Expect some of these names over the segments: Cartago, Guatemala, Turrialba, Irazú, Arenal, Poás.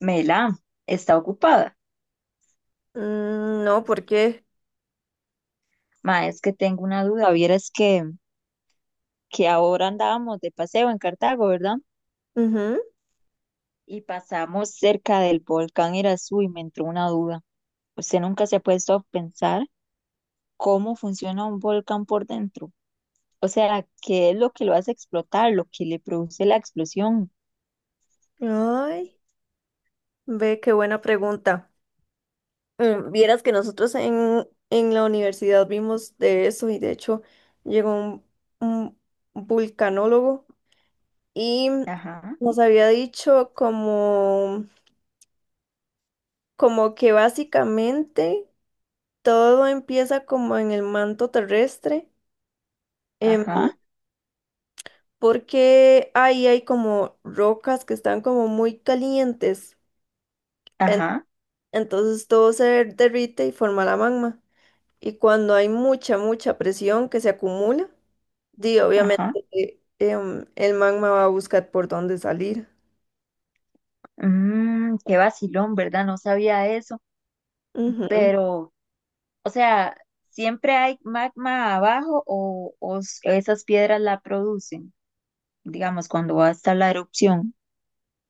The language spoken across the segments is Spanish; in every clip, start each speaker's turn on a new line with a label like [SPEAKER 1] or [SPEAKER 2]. [SPEAKER 1] Mela, está ocupada.
[SPEAKER 2] No, porque
[SPEAKER 1] Ma, es que tengo una duda. Vieras que ahora andábamos de paseo en Cartago, ¿verdad? Y pasamos cerca del volcán Irazú y me entró una duda. ¿Usted nunca se ha puesto a pensar cómo funciona un volcán por dentro? O sea, ¿qué es lo que lo hace explotar, lo que le produce la explosión?
[SPEAKER 2] ay, ve qué buena pregunta. Vieras que nosotros en la universidad vimos de eso, y de hecho llegó un vulcanólogo y
[SPEAKER 1] Ajá,
[SPEAKER 2] nos había dicho como, como que básicamente todo empieza como en el manto terrestre, em,
[SPEAKER 1] ajá,
[SPEAKER 2] porque ahí hay como rocas que están como muy calientes.
[SPEAKER 1] ajá,
[SPEAKER 2] Entonces todo se derrite y forma la magma. Y cuando hay mucha presión que se acumula, di, obviamente
[SPEAKER 1] ajá.
[SPEAKER 2] el magma va a buscar por dónde salir.
[SPEAKER 1] Mmm, qué vacilón, ¿verdad? No sabía eso.
[SPEAKER 2] Ujú.
[SPEAKER 1] Pero, o sea, ¿siempre hay magma abajo o esas piedras la producen? Digamos, cuando va a estar la erupción.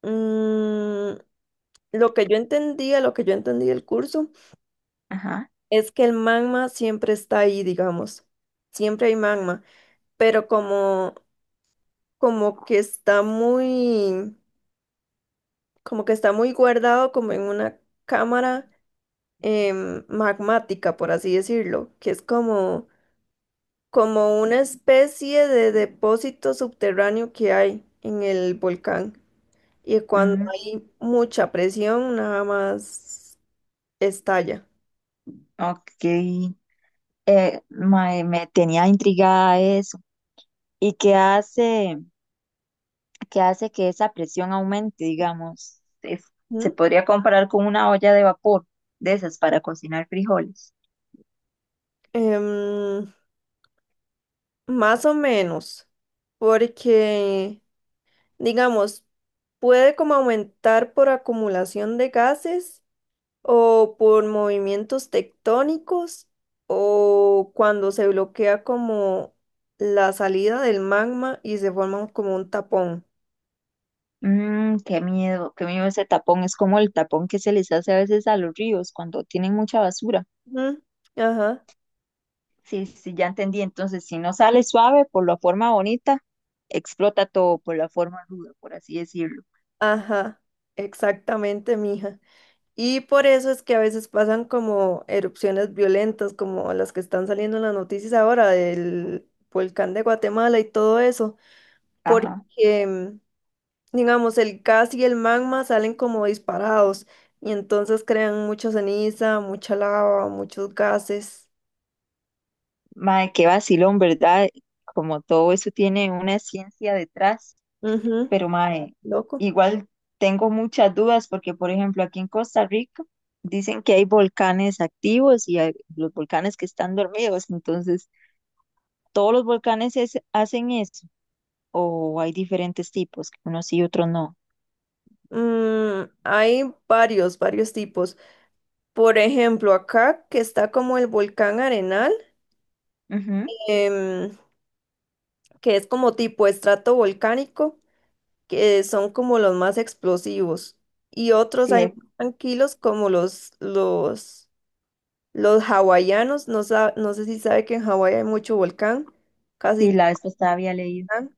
[SPEAKER 2] Mm, lo que yo entendía, lo que yo entendí del curso,
[SPEAKER 1] Ajá.
[SPEAKER 2] es que el magma siempre está ahí, digamos. Siempre hay magma, pero como, como que está muy, como que está muy guardado como en una cámara magmática, por así decirlo, que es como, como una especie de depósito subterráneo que hay en el volcán. Y cuando
[SPEAKER 1] Mm.
[SPEAKER 2] hay mucha presión, nada más estalla.
[SPEAKER 1] Ok. Mae, me tenía intrigada eso. ¿Y qué hace que esa presión aumente, digamos? Se
[SPEAKER 2] ¿Mm?
[SPEAKER 1] podría comparar con una olla de vapor de esas para cocinar frijoles.
[SPEAKER 2] Em, más o menos, porque, digamos, puede como aumentar por acumulación de gases o por movimientos tectónicos o cuando se bloquea como la salida del magma y se forma como un tapón.
[SPEAKER 1] Mm, qué miedo ese tapón. Es como el tapón que se les hace a veces a los ríos cuando tienen mucha basura.
[SPEAKER 2] Ujú, ajá,
[SPEAKER 1] Sí, sí, ya entendí. Entonces, si no sale suave por la forma bonita, explota todo por la forma ruda, por así decirlo.
[SPEAKER 2] ajá, exactamente, mija. Y por eso es que a veces pasan como erupciones violentas, como las que están saliendo en las noticias ahora del volcán de Guatemala y todo eso, porque
[SPEAKER 1] Ajá.
[SPEAKER 2] digamos, el gas y el magma salen como disparados y entonces crean mucha ceniza, mucha lava, muchos gases.
[SPEAKER 1] Mae, qué vacilón, ¿verdad? Como todo eso tiene una ciencia detrás,
[SPEAKER 2] Ujú,
[SPEAKER 1] pero, mae,
[SPEAKER 2] loco.
[SPEAKER 1] igual tengo muchas dudas porque, por ejemplo, aquí en Costa Rica dicen que hay volcanes activos y hay los volcanes que están dormidos. Entonces, ¿todos los volcanes hacen eso? ¿O hay diferentes tipos, unos sí y otros no?
[SPEAKER 2] Hay varios tipos. Por ejemplo, acá que está como el volcán Arenal,
[SPEAKER 1] Ujú.
[SPEAKER 2] em, que es como tipo estrato volcánico, que son como los más explosivos. Y otros
[SPEAKER 1] Sí,
[SPEAKER 2] hay más tranquilos como los, los hawaianos, no, no sé si sabe que en Hawái hay mucho volcán, casi
[SPEAKER 1] sí,
[SPEAKER 2] todo
[SPEAKER 1] la vez pasada había leído.
[SPEAKER 2] volcán.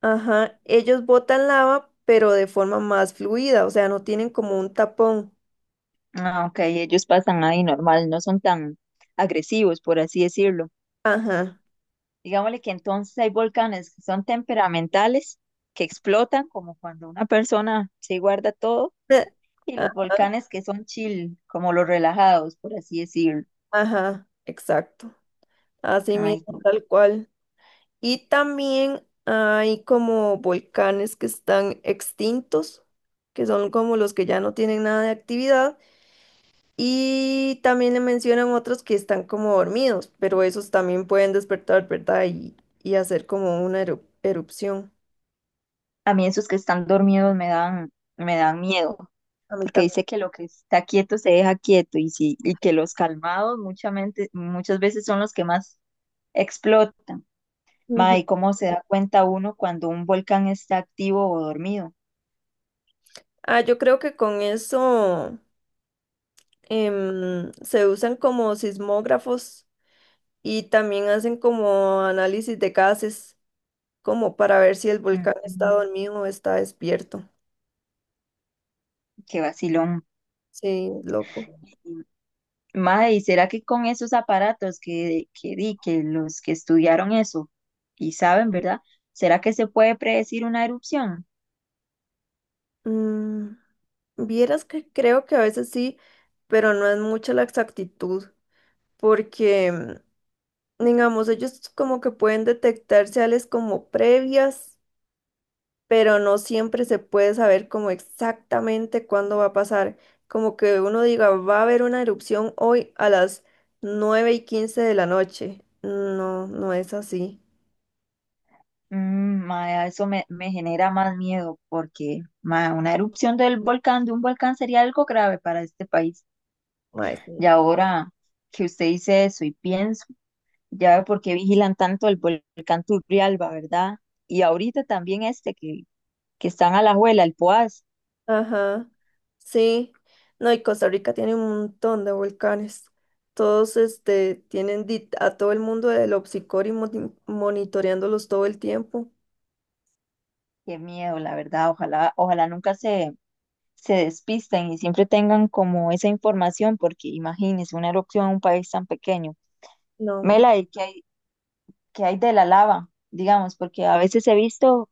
[SPEAKER 2] Ajá, ellos botan lava, pero de forma más fluida, o sea, no tienen como un tapón.
[SPEAKER 1] Ah, ok, ellos pasan ahí normal, no son tan agresivos, por así decirlo.
[SPEAKER 2] Ajá.
[SPEAKER 1] Digámosle que entonces hay volcanes que son temperamentales, que explotan, como cuando una persona se guarda todo, y
[SPEAKER 2] A-
[SPEAKER 1] los volcanes que son chill, como los relajados, por así decirlo.
[SPEAKER 2] Ajá, exacto. Así
[SPEAKER 1] Ay,
[SPEAKER 2] mismo, tal cual. Y también hay como volcanes que están extintos, que son como los que ya no tienen nada de actividad. Y también le mencionan otros que están como dormidos, pero esos también pueden despertar, ¿verdad? Y hacer como una erupción.
[SPEAKER 1] a mí esos que están dormidos me dan miedo,
[SPEAKER 2] A mí
[SPEAKER 1] porque
[SPEAKER 2] también.
[SPEAKER 1] dice que lo que está quieto se deja quieto, y sí, y que los calmados muchamente, muchas veces son los que más explotan. Ma,
[SPEAKER 2] Ujú.
[SPEAKER 1] ¿y cómo se da cuenta uno cuando un volcán está activo o dormido?
[SPEAKER 2] Ah, yo creo que con eso se usan como sismógrafos, y también hacen como análisis de gases, como para ver si el volcán está
[SPEAKER 1] Mm,
[SPEAKER 2] dormido o está despierto.
[SPEAKER 1] qué vacilón.
[SPEAKER 2] Sí, loco.
[SPEAKER 1] Ma, ¿y será que con esos aparatos que di, que los que estudiaron eso y saben, ¿verdad? ¿Será que se puede predecir una erupción?
[SPEAKER 2] Mm, vieras que creo que a veces sí, pero no es mucha la exactitud, porque digamos, ellos como que pueden detectar seales como previas, pero no siempre se puede saber como exactamente cuándo va a pasar. Como que uno diga, va a haber una erupción hoy a las 9:15 de la noche. No, no es así.
[SPEAKER 1] Mm, ma, eso me genera más miedo porque, ma, una erupción de un volcán sería algo grave para este país.
[SPEAKER 2] Mae,
[SPEAKER 1] Y
[SPEAKER 2] sí.
[SPEAKER 1] ahora que usted dice eso y pienso, ya veo por qué vigilan tanto el volcán Turrialba, ¿verdad? Y ahorita también este que están a la juela, el Poás.
[SPEAKER 2] Ajá, sí. No, y Costa Rica tiene un montón de volcanes. Todos este, tienen a todo el mundo del obsicor y monitoreándolos todo el tiempo.
[SPEAKER 1] Qué miedo, la verdad. Ojalá, ojalá nunca se despisten y siempre tengan como esa información, porque imagínense una erupción en un país tan pequeño.
[SPEAKER 2] No, hombre.
[SPEAKER 1] Mela, ¿y qué hay de la lava? Digamos, porque a veces he visto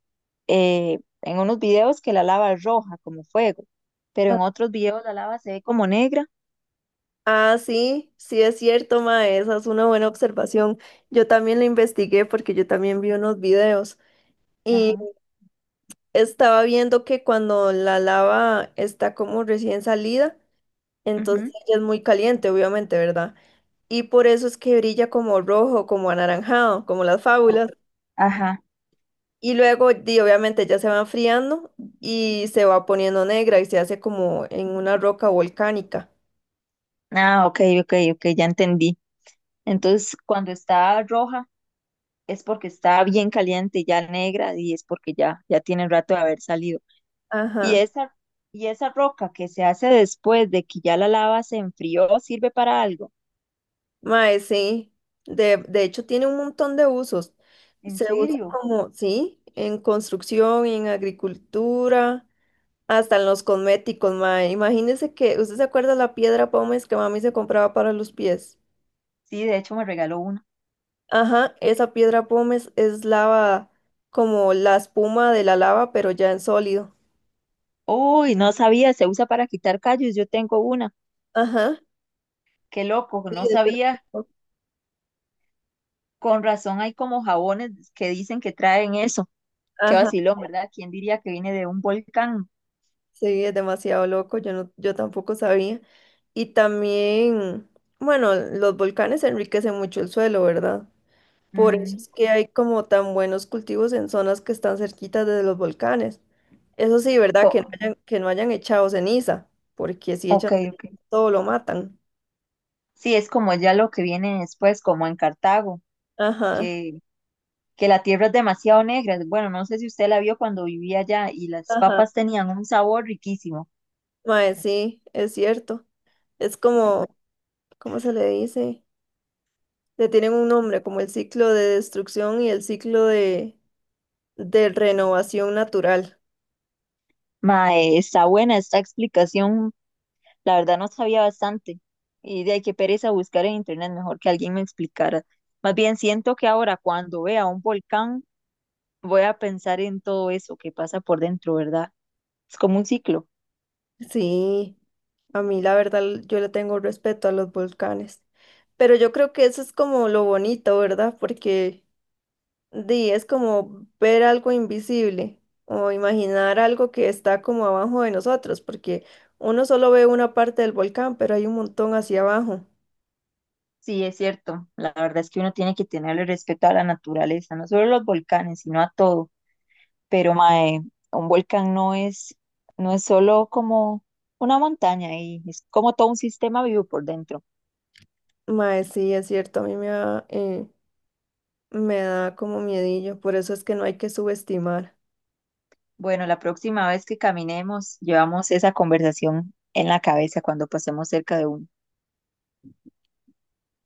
[SPEAKER 1] en unos videos que la lava es roja, como fuego, pero en otros videos la lava se ve como negra.
[SPEAKER 2] Ah, sí, sí es cierto, ma, esa es una buena observación. Yo también la investigué porque yo también vi unos videos, y
[SPEAKER 1] Ajá.
[SPEAKER 2] estaba viendo que cuando la lava está como recién salida, entonces
[SPEAKER 1] Ujú.
[SPEAKER 2] ella es muy caliente, obviamente, ¿verdad? Y por eso es que brilla como rojo, como anaranjado, como las fábulas.
[SPEAKER 1] Ajá.
[SPEAKER 2] Y luego, di, obviamente, ya se va enfriando y se va poniendo negra y se hace como en una roca volcánica.
[SPEAKER 1] Ah, ok, ok, ok, ya entendí. Entonces, cuando está roja es porque está bien caliente, ya negra, y es porque ya tiene rato de haber salido. Y
[SPEAKER 2] Ajá.
[SPEAKER 1] esa, y esa roca que se hace después de que ya la lava se enfrió, ¿sirve para algo?
[SPEAKER 2] Mae, sí. De hecho, tiene un montón de usos.
[SPEAKER 1] ¿En
[SPEAKER 2] Se usa
[SPEAKER 1] serio?
[SPEAKER 2] como, sí, en construcción, en agricultura, hasta en los cosméticos, mae. Imagínese que, ¿usted se acuerda la piedra pómez que mami se compraba para los pies?
[SPEAKER 1] Sí, de hecho me regaló una.
[SPEAKER 2] Ajá, esa piedra pómez es lava, como la espuma de la lava, pero ya en sólido.
[SPEAKER 1] Uy, no sabía, se usa para quitar callos, yo tengo una.
[SPEAKER 2] Ajá.
[SPEAKER 1] Qué loco, no
[SPEAKER 2] Sí, es de-
[SPEAKER 1] sabía. Con razón hay como jabones que dicen que traen eso. Qué
[SPEAKER 2] Ajá.
[SPEAKER 1] vacilón, ¿verdad? ¿Quién diría que viene de un volcán?
[SPEAKER 2] Sí, es demasiado loco, yo no, yo tampoco sabía. Y también, bueno, los volcanes enriquecen mucho el suelo, ¿verdad? Por eso
[SPEAKER 1] Mm.
[SPEAKER 2] es que hay como tan buenos cultivos en zonas que están cerquitas de los volcanes. Eso sí, ¿verdad?
[SPEAKER 1] Co-
[SPEAKER 2] Que no hayan echado ceniza, porque si echan
[SPEAKER 1] Ok, ok.
[SPEAKER 2] ceniza, todo lo matan.
[SPEAKER 1] Sí, es como ya lo que viene después, como en Cartago,
[SPEAKER 2] Ajá,
[SPEAKER 1] que, que la tierra es demasiado negra. Bueno, no sé si usted la vio cuando vivía allá y las
[SPEAKER 2] ajá.
[SPEAKER 1] papas tenían un sabor riquísimo.
[SPEAKER 2] Mae, sí, es cierto. Es como, ¿cómo se le dice? Le tienen un nombre, como el ciclo de destrucción y el ciclo de renovación natural.
[SPEAKER 1] Mae, está buena esta explicación. La verdad no sabía bastante. Y de ahí que pereza buscar en internet, mejor que alguien me explicara. Más bien siento que ahora cuando vea un volcán voy a pensar en todo eso que pasa por dentro, ¿verdad? Es como un ciclo.
[SPEAKER 2] Sí, a mí la verdad yo le tengo respeto a los volcanes. Pero yo creo que eso es como lo bonito, ¿verdad? Porque di, es como ver algo invisible o imaginar algo que está como abajo de nosotros, porque uno solo ve una parte del volcán, pero hay un montón hacia abajo.
[SPEAKER 1] Sí, es cierto. La verdad es que uno tiene que tenerle respeto a la naturaleza, no solo a los volcanes, sino a todo. Pero, mae, un volcán no es solo como una montaña y es como todo un sistema vivo por dentro.
[SPEAKER 2] Mae, sí, es cierto, a mí me da como miedillo, por eso es que no hay que subestimar.
[SPEAKER 1] Bueno, la próxima vez que caminemos, llevamos esa conversación en la cabeza cuando pasemos cerca de uno.